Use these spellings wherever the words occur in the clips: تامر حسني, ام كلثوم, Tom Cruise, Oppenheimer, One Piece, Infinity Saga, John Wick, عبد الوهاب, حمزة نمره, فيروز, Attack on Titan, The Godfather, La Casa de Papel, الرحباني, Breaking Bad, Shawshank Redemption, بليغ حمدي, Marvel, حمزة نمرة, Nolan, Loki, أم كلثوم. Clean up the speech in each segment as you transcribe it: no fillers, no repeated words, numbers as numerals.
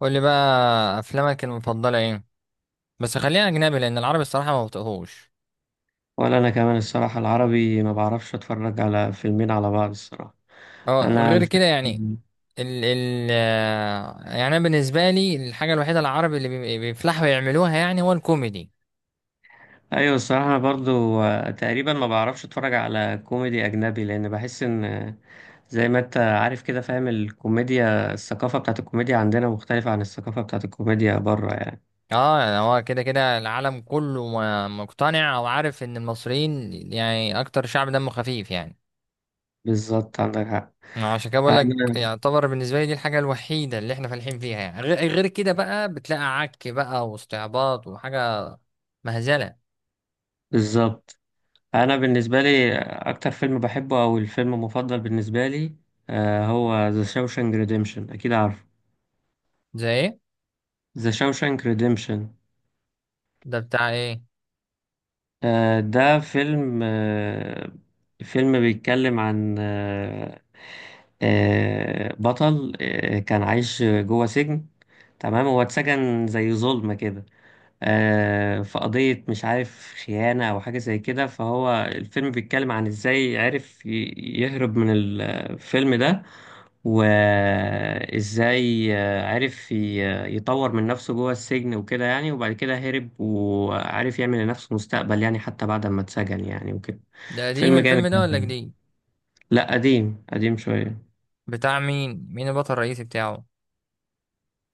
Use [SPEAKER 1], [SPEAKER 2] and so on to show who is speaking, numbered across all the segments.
[SPEAKER 1] قول لي بقى افلامك المفضله ايه؟ بس خلينا اجنبي لان العربي الصراحه ما بطقهوش.
[SPEAKER 2] ولا انا كمان الصراحه، العربي ما بعرفش اتفرج على فيلمين على بعض الصراحه.
[SPEAKER 1] اه
[SPEAKER 2] انا
[SPEAKER 1] غير كده يعني.
[SPEAKER 2] الفيلم.
[SPEAKER 1] ال ال آه، يعني انا بالنسبه لي الحاجه الوحيده العربي اللي بيفلحوا يعملوها يعني هو الكوميدي.
[SPEAKER 2] ايوه الصراحه، انا برضو تقريبا ما بعرفش اتفرج على كوميدي اجنبي، لان بحس ان زي ما انت عارف كده، فاهم الكوميديا، الثقافه بتاعت الكوميديا عندنا مختلفه عن الثقافه بتاعت الكوميديا بره يعني.
[SPEAKER 1] اه يعني هو كده كده العالم كله مقتنع او عارف ان المصريين يعني اكتر شعب دمه خفيف يعني.
[SPEAKER 2] بالظبط، عندك حق.
[SPEAKER 1] عشان كده بقول لك
[SPEAKER 2] انا
[SPEAKER 1] يعتبر بالنسبه لي دي الحاجه الوحيده اللي احنا فالحين فيها يعني غير كده بقى بتلاقي عك بقى واستعباط وحاجه مهزله.
[SPEAKER 2] بالظبط. انا بالنسبه لي اكتر فيلم بحبه او الفيلم المفضل بالنسبه لي هو ذا شاوشانك ريديمشن، اكيد عارفه.
[SPEAKER 1] زي ايه؟
[SPEAKER 2] ذا شاوشانك ريديمشن.
[SPEAKER 1] ده بتاع ايه؟
[SPEAKER 2] ده فيلم، فيلم بيتكلم عن بطل، كان عايش جوه سجن. تمام، هو اتسجن زي ظلمة كده. في قضية مش عارف خيانة أو حاجة زي كده، فهو الفيلم بيتكلم عن إزاي عرف يهرب من الفيلم ده. وإزاي عرف يطور من نفسه جوه السجن وكده يعني، وبعد كده هرب وعرف يعمل لنفسه مستقبل يعني، حتى بعد ما اتسجن يعني وكده.
[SPEAKER 1] ده قديم
[SPEAKER 2] فيلم
[SPEAKER 1] الفيلم
[SPEAKER 2] جامد
[SPEAKER 1] ده ولا
[SPEAKER 2] جدا.
[SPEAKER 1] جديد؟
[SPEAKER 2] لا، قديم قديم شوية.
[SPEAKER 1] بتاع مين؟ مين البطل الرئيسي بتاعه؟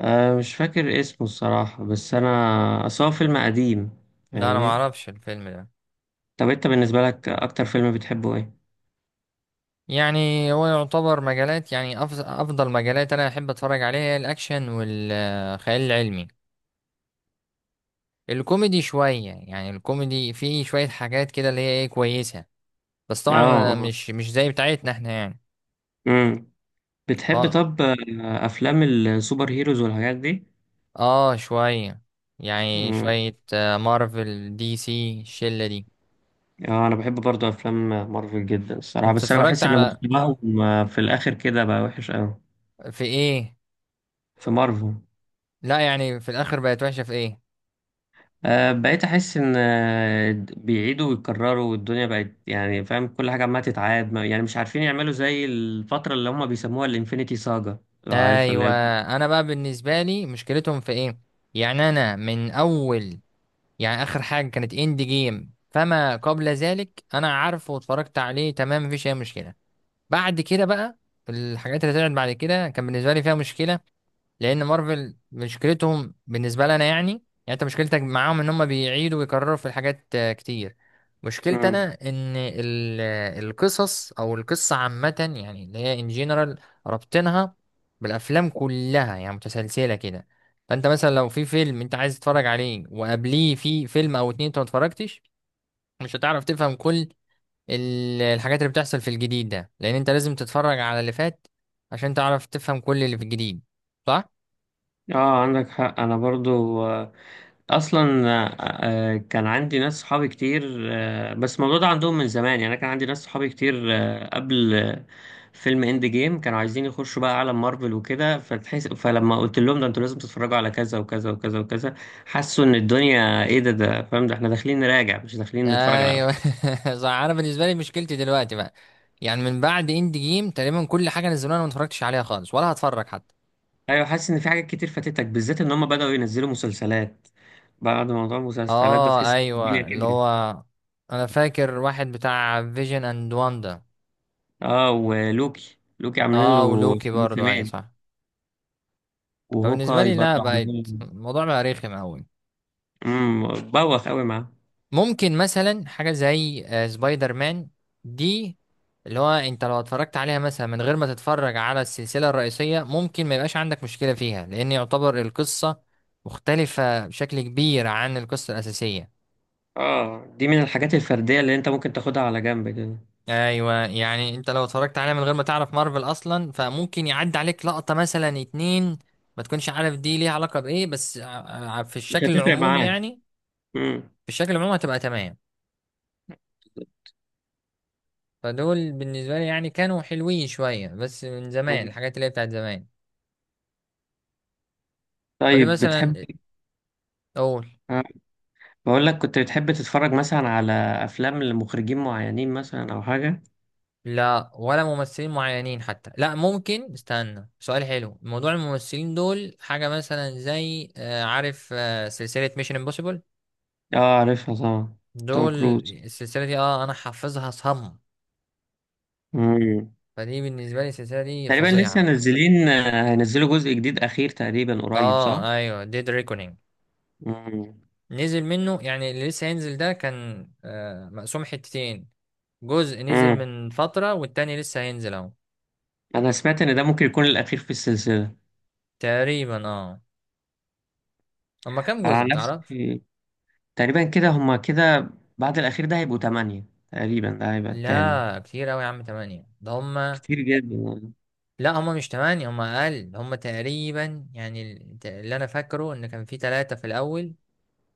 [SPEAKER 2] أه، مش فاكر اسمه الصراحة، بس أنا أصل هو فيلم قديم.
[SPEAKER 1] لا انا ما
[SPEAKER 2] فاهمني.
[SPEAKER 1] اعرفش الفيلم ده.
[SPEAKER 2] طب أنت بالنسبة لك أكتر فيلم بتحبه إيه؟
[SPEAKER 1] يعني هو يعتبر مجالات، يعني افضل مجالات انا احب اتفرج عليها هي الاكشن والخيال العلمي. الكوميدي شويه، يعني الكوميدي فيه شويه حاجات كده اللي هي ايه كويسه. بس
[SPEAKER 2] اه.
[SPEAKER 1] طبعا
[SPEAKER 2] اه.
[SPEAKER 1] مش زي بتاعتنا احنا يعني.
[SPEAKER 2] امم بتحب
[SPEAKER 1] اه.
[SPEAKER 2] طب افلام السوبر هيروز والحاجات دي؟
[SPEAKER 1] اه شويه، يعني
[SPEAKER 2] امم
[SPEAKER 1] شويه مارفل دي سي الشله دي.
[SPEAKER 2] اه، انا بحب برضو افلام مارفل جدا الصراحه،
[SPEAKER 1] انت
[SPEAKER 2] بس انا
[SPEAKER 1] اتفرجت
[SPEAKER 2] بحس ان
[SPEAKER 1] على
[SPEAKER 2] مستواهم في الاخر كده بقى وحش قوي.
[SPEAKER 1] في ايه؟
[SPEAKER 2] في مارفل.
[SPEAKER 1] لا يعني في الاخر بقت وحشه في ايه؟
[SPEAKER 2] بقيت احس ان بيعيدوا ويكرروا، والدنيا بقت يعني فاهم كل حاجه عماله تتعاد، يعني مش عارفين يعملوا زي الفتره اللي هم بيسموها الانفينيتي ساجا، لو عارفها اللي
[SPEAKER 1] ايوه.
[SPEAKER 2] هي.
[SPEAKER 1] انا بقى بالنسبه لي مشكلتهم في ايه؟ يعني انا من اول، يعني اخر حاجه كانت اند جيم فما قبل ذلك انا عارفه واتفرجت عليه تمام مفيش اي مشكله. بعد كده بقى الحاجات اللي طلعت بعد كده كان بالنسبه لي فيها مشكله. لان مارفل مشكلتهم بالنسبه لنا، يعني انت مشكلتك معاهم ان هم بيعيدوا ويكرروا في الحاجات كتير. مشكلتي انا
[SPEAKER 2] مم.
[SPEAKER 1] ان القصص او القصه عامه، يعني اللي هي ان جنرال ربطنها بالافلام كلها يعني متسلسله كده. فانت مثلا لو في فيلم انت عايز تتفرج عليه وقبليه في فيلم او اتنين انت ما اتفرجتش، مش هتعرف تفهم كل الحاجات اللي بتحصل في الجديد ده لان انت لازم تتفرج على اللي فات عشان تعرف تفهم كل اللي في الجديد، صح؟
[SPEAKER 2] اه عندك حق. انا برضو اصلا آه، كان عندي ناس صحابي كتير، بس الموضوع ده عندهم من زمان يعني. انا كان عندي ناس صحابي كتير قبل فيلم اند جيم كانوا عايزين يخشوا بقى عالم مارفل وكده، فتحس فلما قلت لهم ده انتوا لازم تتفرجوا على كذا وكذا وكذا وكذا، حسوا ان الدنيا ايه ده، ده فاهم ده احنا داخلين نراجع مش داخلين نتفرج على
[SPEAKER 1] ايوه
[SPEAKER 2] افلام.
[SPEAKER 1] صح. انا بالنسبه لي مشكلتي دلوقتي بقى، يعني من بعد اند جيم تقريبا كل حاجه نزلوها انا ما اتفرجتش عليها خالص ولا هتفرج حتى.
[SPEAKER 2] ايوه، حاسس ان في حاجات كتير فاتتك، بالذات ان هم بدأوا ينزلوا مسلسلات. بعد موضوع المسلسلات ده
[SPEAKER 1] اه
[SPEAKER 2] تحس الدنيا
[SPEAKER 1] ايوه، اللي
[SPEAKER 2] كبرت.
[SPEAKER 1] هو انا فاكر واحد بتاع فيجن اند واندا.
[SPEAKER 2] اه، ولوكي، لوكي عاملين له
[SPEAKER 1] اه ولوكي برضو ايوه
[SPEAKER 2] موسمين.
[SPEAKER 1] صح. فبالنسبه
[SPEAKER 2] وهوكاي
[SPEAKER 1] لي لا،
[SPEAKER 2] برضه
[SPEAKER 1] بقت
[SPEAKER 2] عمال.
[SPEAKER 1] الموضوع بقى رخم قوي.
[SPEAKER 2] امم بوخ قوي معاه.
[SPEAKER 1] ممكن مثلا حاجة زي سبايدر مان دي، اللي هو انت لو اتفرجت عليها مثلا من غير ما تتفرج على السلسلة الرئيسية ممكن ما يبقاش عندك مشكلة فيها، لأن يعتبر القصة مختلفة بشكل كبير عن القصة الأساسية.
[SPEAKER 2] اه، دي من الحاجات الفرديه اللي انت ممكن تاخدها على جنب كده.
[SPEAKER 1] ايوه يعني انت لو اتفرجت عليها من غير ما تعرف مارفل اصلا فممكن يعدي عليك لقطة مثلا اتنين ما تكونش عارف دي ليها علاقة بايه، بس في
[SPEAKER 2] مش
[SPEAKER 1] الشكل
[SPEAKER 2] هتفرق
[SPEAKER 1] العمومي
[SPEAKER 2] معاك.
[SPEAKER 1] يعني.
[SPEAKER 2] امم
[SPEAKER 1] في الشكل العمومي هتبقى تمام. فدول بالنسبة لي يعني كانوا حلوين شوية بس من زمان، الحاجات اللي هي بتاعت زمان. قولي
[SPEAKER 2] طيب بتحب
[SPEAKER 1] مثلا أقول.
[SPEAKER 2] آه، بقول لك، كنت بتحب تتفرج مثلا على افلام لمخرجين معينين مثلا او حاجه؟
[SPEAKER 1] لا، ولا ممثلين معينين حتى، لا ممكن استنى، سؤال حلو. موضوع الممثلين دول حاجة مثلا زي عارف سلسلة ميشن امبوسيبل
[SPEAKER 2] اه عارفها طبعا. توم
[SPEAKER 1] دول.
[SPEAKER 2] كروز.
[SPEAKER 1] السلسلة دي اه أنا حافظها صم.
[SPEAKER 2] امم
[SPEAKER 1] فدي بالنسبة لي السلسلة دي
[SPEAKER 2] تقريبا لسه
[SPEAKER 1] فظيعة.
[SPEAKER 2] نازلين، هينزلوا جزء جديد اخير تقريبا قريب، صح؟
[SPEAKER 1] اه ايوه، ديد
[SPEAKER 2] امم
[SPEAKER 1] نزل منه يعني. اللي لسه هينزل ده كان مقسوم حتتين. جزء نزل
[SPEAKER 2] امم
[SPEAKER 1] من فترة والتاني لسه هينزل اهو.
[SPEAKER 2] انا سمعت ان ده ممكن يكون الاخير في السلسله.
[SPEAKER 1] تقريبا اه. هما كام
[SPEAKER 2] انا
[SPEAKER 1] جزء
[SPEAKER 2] عن
[SPEAKER 1] متعرفش؟
[SPEAKER 2] نفسي تقريبا كده هما كده. بعد الأخير ده هيبقوا تمانية، تقريبا ده هيبقى التامن.
[SPEAKER 1] لا كتير اوي يا عم، تمانية ده. هما
[SPEAKER 2] كتير جدا يعني.
[SPEAKER 1] لا، هما مش تمانية، هما اقل، هما تقريبا يعني اللي انا فاكره ان كان في تلاتة في الاول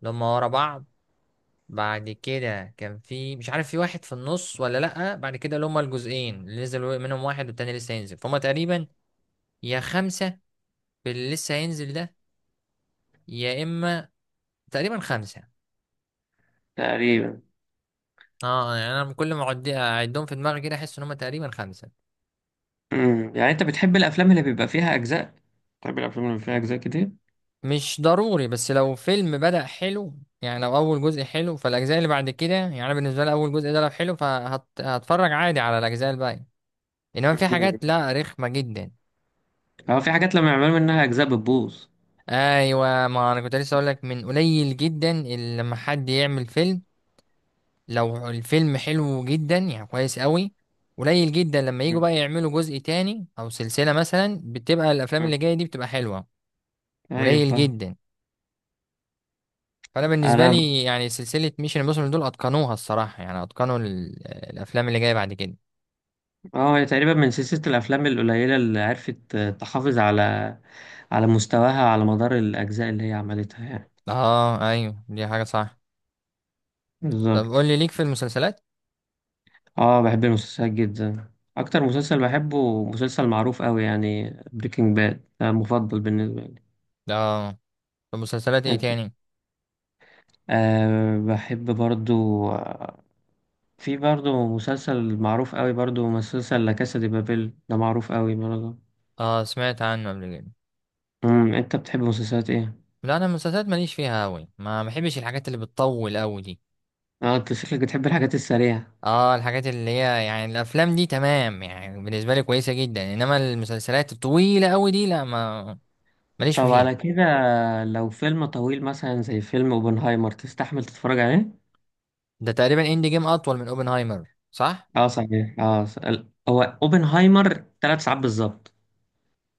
[SPEAKER 1] اللي هما ورا بعض. بعد كده كان في مش عارف في واحد في النص ولا لأ. بعد كده اللي هما الجزئين اللي نزل منهم واحد والتاني لسه هينزل، فهم تقريبا يا خمسة في اللي لسه هينزل ده، يا اما تقريبا خمسه.
[SPEAKER 2] تقريبا.
[SPEAKER 1] اه يعني انا كل ما اعد اعدهم في دماغي كده احس ان هم تقريبا خمسه.
[SPEAKER 2] يعني أنت بتحب الأفلام اللي بيبقى فيها أجزاء؟ بتحب الأفلام اللي بيبقى فيها أجزاء كتير؟
[SPEAKER 1] مش ضروري، بس لو فيلم بدأ حلو، يعني لو اول جزء حلو فالاجزاء اللي بعد كده، يعني أنا بالنسبه لي اول جزء ده لو حلو فهتفرج عادي على الاجزاء الباقيه. انما في حاجات
[SPEAKER 2] امم
[SPEAKER 1] لا رخمه جدا.
[SPEAKER 2] هو في حاجات لما يعملوا منها أجزاء بتبوظ.
[SPEAKER 1] ايوه، ما انا كنت لسه اقول لك من قليل جدا اللي لما حد يعمل فيلم لو الفيلم حلو جدا يعني كويس قوي، قليل جدا لما يجوا
[SPEAKER 2] أمم،
[SPEAKER 1] بقى يعملوا جزء تاني او سلسلة مثلا بتبقى الافلام
[SPEAKER 2] أمم.
[SPEAKER 1] اللي جاية دي بتبقى حلوة.
[SPEAKER 2] أيوة،
[SPEAKER 1] قليل
[SPEAKER 2] فاهم.
[SPEAKER 1] جدا. فانا بالنسبة
[SPEAKER 2] أنا ب...
[SPEAKER 1] لي يعني سلسلة ميشن امبوسيبل دول اتقنوها الصراحة، يعني اتقنوا الافلام اللي جاية بعد كده.
[SPEAKER 2] اه، هي تقريبا من سلسلة الأفلام القليلة اللي عرفت تحافظ على على مستواها على مدار الأجزاء اللي هي عملتها يعني.
[SPEAKER 1] اه ايوه دي حاجة صح. طب قول
[SPEAKER 2] بالظبط.
[SPEAKER 1] لي، ليك في المسلسلات؟
[SPEAKER 2] اه، بحب المسلسلات جدا. اكتر مسلسل بحبه مسلسل معروف قوي يعني، بريكنج باد ده مفضل بالنسبه لي.
[SPEAKER 1] اه. طب مسلسلات ايه
[SPEAKER 2] انت.
[SPEAKER 1] تاني؟
[SPEAKER 2] أه، بحب برضو آه، في برضو مسلسل معروف قوي برضو، مسلسل لا كاسا دي بابيل، ده معروف قوي برضو.
[SPEAKER 1] اه سمعت عنه قبل كده.
[SPEAKER 2] انت بتحب مسلسلات ايه؟
[SPEAKER 1] لا انا المسلسلات ماليش فيها قوي، ما بحبش الحاجات اللي بتطول قوي دي.
[SPEAKER 2] اه، انت شكلك بتحب الحاجات السريعه.
[SPEAKER 1] اه الحاجات اللي هي يعني الافلام دي تمام، يعني بالنسبه لي كويسه جدا، انما المسلسلات الطويله قوي دي لا، ما ماليش
[SPEAKER 2] طب على
[SPEAKER 1] فيها.
[SPEAKER 2] كده، لو فيلم طويل مثلا زي فيلم اوبنهايمر، تستحمل تتفرج عليه؟
[SPEAKER 1] ده تقريبا اند جيم اطول من اوبنهايمر صح؟
[SPEAKER 2] اه صحيح. اه هو اوبنهايمر 3 ساعات بالظبط.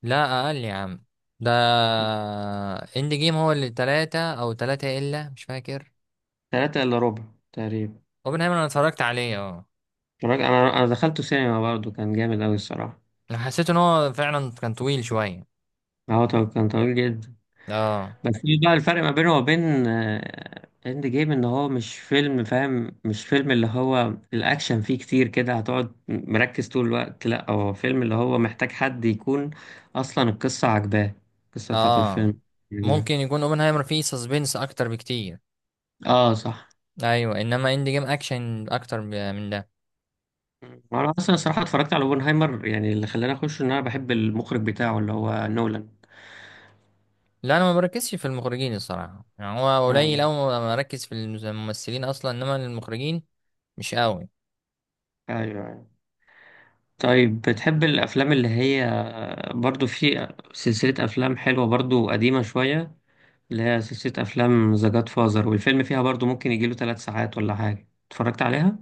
[SPEAKER 1] لا اقل يا عم. ده اند جيم هو اللي تلاتة او تلاتة الا، مش فاكر.
[SPEAKER 2] تلاتة إلا ربع تقريبا.
[SPEAKER 1] اوبنهايمر انا اتفرجت عليه اه.
[SPEAKER 2] أنا دخلته سينما برضه، كان جامد أوي الصراحة.
[SPEAKER 1] انا حسيت ان هو فعلا كان طويل شويه.
[SPEAKER 2] هو كان طويل جدا.
[SPEAKER 1] اه.
[SPEAKER 2] بس في بقى الفرق ما بينه وبين إند جيم، إن هو مش فيلم فاهم، مش فيلم اللي هو الأكشن فيه كتير كده هتقعد مركز طول الوقت، لأ هو فيلم اللي هو محتاج حد يكون أصلا القصة عجباه، القصة بتاعت
[SPEAKER 1] اه
[SPEAKER 2] الفيلم.
[SPEAKER 1] ممكن يكون اوبنهايمر فيه سسبنس اكتر بكتير.
[SPEAKER 2] آه صح.
[SPEAKER 1] ايوه، انما اند جيم اكشن اكتر من ده.
[SPEAKER 2] أنا أصلا الصراحة اتفرجت على أوبنهايمر يعني، اللي خلاني أخش إن أنا بحب المخرج بتاعه اللي هو نولان.
[SPEAKER 1] لا انا ما بركزش في المخرجين الصراحه، يعني هو قليل
[SPEAKER 2] آه،
[SPEAKER 1] أوي ما بركز في الممثلين اصلا انما المخرجين مش قوي.
[SPEAKER 2] أيوه. أيوه. طيب بتحب الأفلام اللي هي، برضو في سلسلة أفلام حلوة برضو قديمة شوية، اللي هي سلسلة أفلام ذا جاد فازر، والفيلم فيها برضو ممكن يجيله 3 ساعات ولا حاجة، اتفرجت عليها؟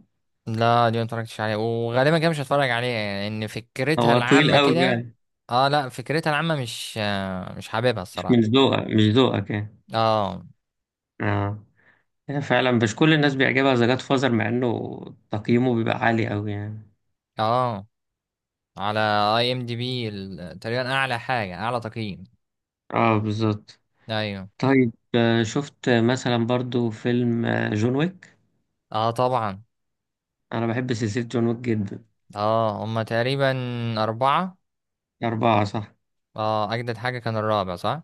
[SPEAKER 1] لا دي ما اتفرجتش عليها وغالبا كده مش هتفرج عليها، يعني ان فكرتها
[SPEAKER 2] هو طويل
[SPEAKER 1] العامه
[SPEAKER 2] قوي
[SPEAKER 1] كده.
[SPEAKER 2] يعني.
[SPEAKER 1] اه لا، فكرتها العامه مش آه، مش حاببها
[SPEAKER 2] مش من
[SPEAKER 1] الصراحه.
[SPEAKER 2] ذوقك، مش ذوقك يعني.
[SPEAKER 1] اه.
[SPEAKER 2] اه. هي فعلا مش كل الناس بيعجبها ذا جاد فازر، مع إنه تقييمه بيبقى عالي قوي يعني.
[SPEAKER 1] اه على اي ام دي بي تقريبا اعلى حاجه، اعلى تقييم.
[SPEAKER 2] اه بالظبط.
[SPEAKER 1] ايوه.
[SPEAKER 2] طيب شفت مثلا برضو فيلم جون ويك؟
[SPEAKER 1] اه طبعا.
[SPEAKER 2] أنا بحب سلسلة جون ويك جدا.
[SPEAKER 1] اه هما تقريبا اربعه.
[SPEAKER 2] أربعة صح؟
[SPEAKER 1] اه اجدد حاجه كان الرابع صح.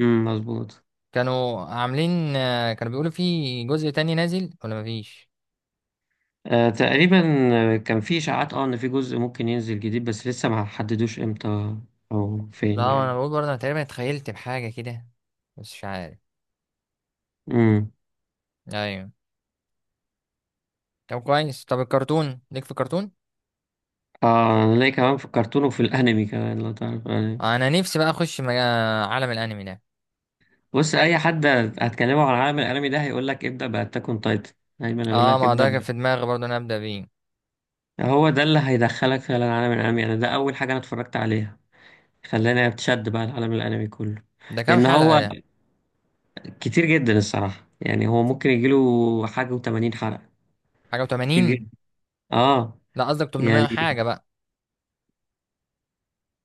[SPEAKER 2] مظبوط.
[SPEAKER 1] كانوا عاملين كانوا بيقولوا في جزء تاني نازل ولا مفيش.
[SPEAKER 2] تقريبا كان في إشاعات، اه إن في جزء ممكن ينزل جديد بس لسه ما حددوش امتى أو
[SPEAKER 1] لا
[SPEAKER 2] فين
[SPEAKER 1] انا
[SPEAKER 2] يعني.
[SPEAKER 1] بقول برضه انا تقريبا اتخيلت بحاجه كده، بس مش عارف.
[SPEAKER 2] امم
[SPEAKER 1] ايوه. طب كويس، طب الكرتون، ليك في الكرتون؟
[SPEAKER 2] اه، أنا ليه كمان فكرتونه، في الكرتون وفي الأنمي كمان لو تعرف آه.
[SPEAKER 1] انا نفسي بقى اخش عالم الانمي ده.
[SPEAKER 2] بص، أي حد هتكلمه عن عالم الأنمي ده هيقول لك ابدأ بأتاك أون تايتن. دايما هيقول
[SPEAKER 1] اه
[SPEAKER 2] لك
[SPEAKER 1] ما
[SPEAKER 2] ابدأ
[SPEAKER 1] ده كان
[SPEAKER 2] ب-
[SPEAKER 1] في دماغي برضه انا ابدا بيه.
[SPEAKER 2] هو ده اللي هيدخلك فعلا عالم الأنمي. أنا ده أول حاجة أنا اتفرجت عليها، خلاني أتشد بقى العالم الأنمي كله.
[SPEAKER 1] ده كام
[SPEAKER 2] لأن
[SPEAKER 1] حلقه
[SPEAKER 2] هو
[SPEAKER 1] ده؟
[SPEAKER 2] كتير جدا الصراحة يعني، هو ممكن يجيله حاجة و80 حلقة.
[SPEAKER 1] حاجه و80.
[SPEAKER 2] كتير جدا. اه.
[SPEAKER 1] لا قصدك
[SPEAKER 2] يعني.
[SPEAKER 1] 800 حاجه بقى.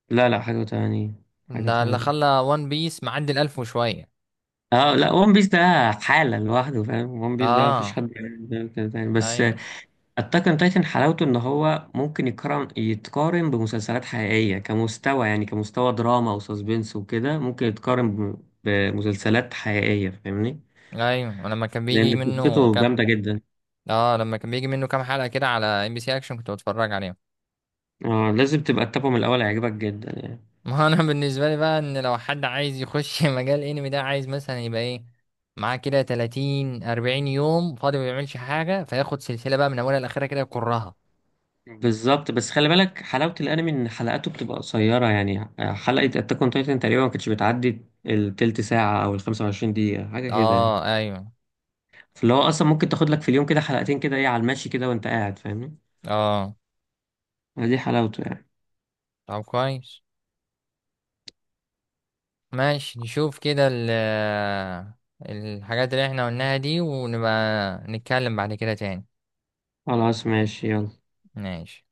[SPEAKER 2] لا لا، حاجة تانية. حاجة
[SPEAKER 1] ده اللي
[SPEAKER 2] تانية.
[SPEAKER 1] خلى وان بيس معدي الألف وشويه.
[SPEAKER 2] اه لا، ون بيس ده حالة لوحده فاهم، ون بيس ده مفيش
[SPEAKER 1] اه
[SPEAKER 2] حد يعمل كده تاني بس.
[SPEAKER 1] ايوه.
[SPEAKER 2] اتاك اون تايتن حلاوته ان هو ممكن يتقارن بمسلسلات حقيقية كمستوى يعني، كمستوى دراما وساسبنس وكده ممكن يتقارن بمسلسلات حقيقية فاهمني.
[SPEAKER 1] ايوه ولما كان بيجي
[SPEAKER 2] لان
[SPEAKER 1] منه
[SPEAKER 2] قصته
[SPEAKER 1] كام.
[SPEAKER 2] جامدة جدا.
[SPEAKER 1] اه لما كان بيجي منه كام حلقه كده على ام بي سي اكشن كنت بتفرج عليه.
[SPEAKER 2] اه لازم تبقى تتابعه من الاول، هيعجبك جدا يعني.
[SPEAKER 1] ما هو انا بالنسبه لي بقى ان لو حد عايز يخش مجال انمي ده عايز مثلا يبقى ايه معاه كده 30 40 يوم فاضي ما بيعملش حاجه فياخد سلسله بقى من اولها لاخرها كده يكرها.
[SPEAKER 2] بالظبط. بس خلي بالك حلاوة الأنمي إن حلقاته بتبقى قصيرة يعني. حلقة أتاك أون تايتن تقريبا ما كانتش بتعدي التلت ساعة أو الخمسة وعشرين دقيقة، حاجة كده يعني.
[SPEAKER 1] اه ايوه
[SPEAKER 2] فاللي هو أصلا ممكن تاخد لك في اليوم كده حلقتين كده إيه، على المشي كده وأنت قاعد فاهمني.
[SPEAKER 1] اه.
[SPEAKER 2] دي حلاوته يعني.
[SPEAKER 1] طب كويس ماشي، نشوف كده الحاجات اللي احنا قلناها دي ونبقى نتكلم بعد كده تاني.
[SPEAKER 2] خلاص ماشي يلا.
[SPEAKER 1] ماشي.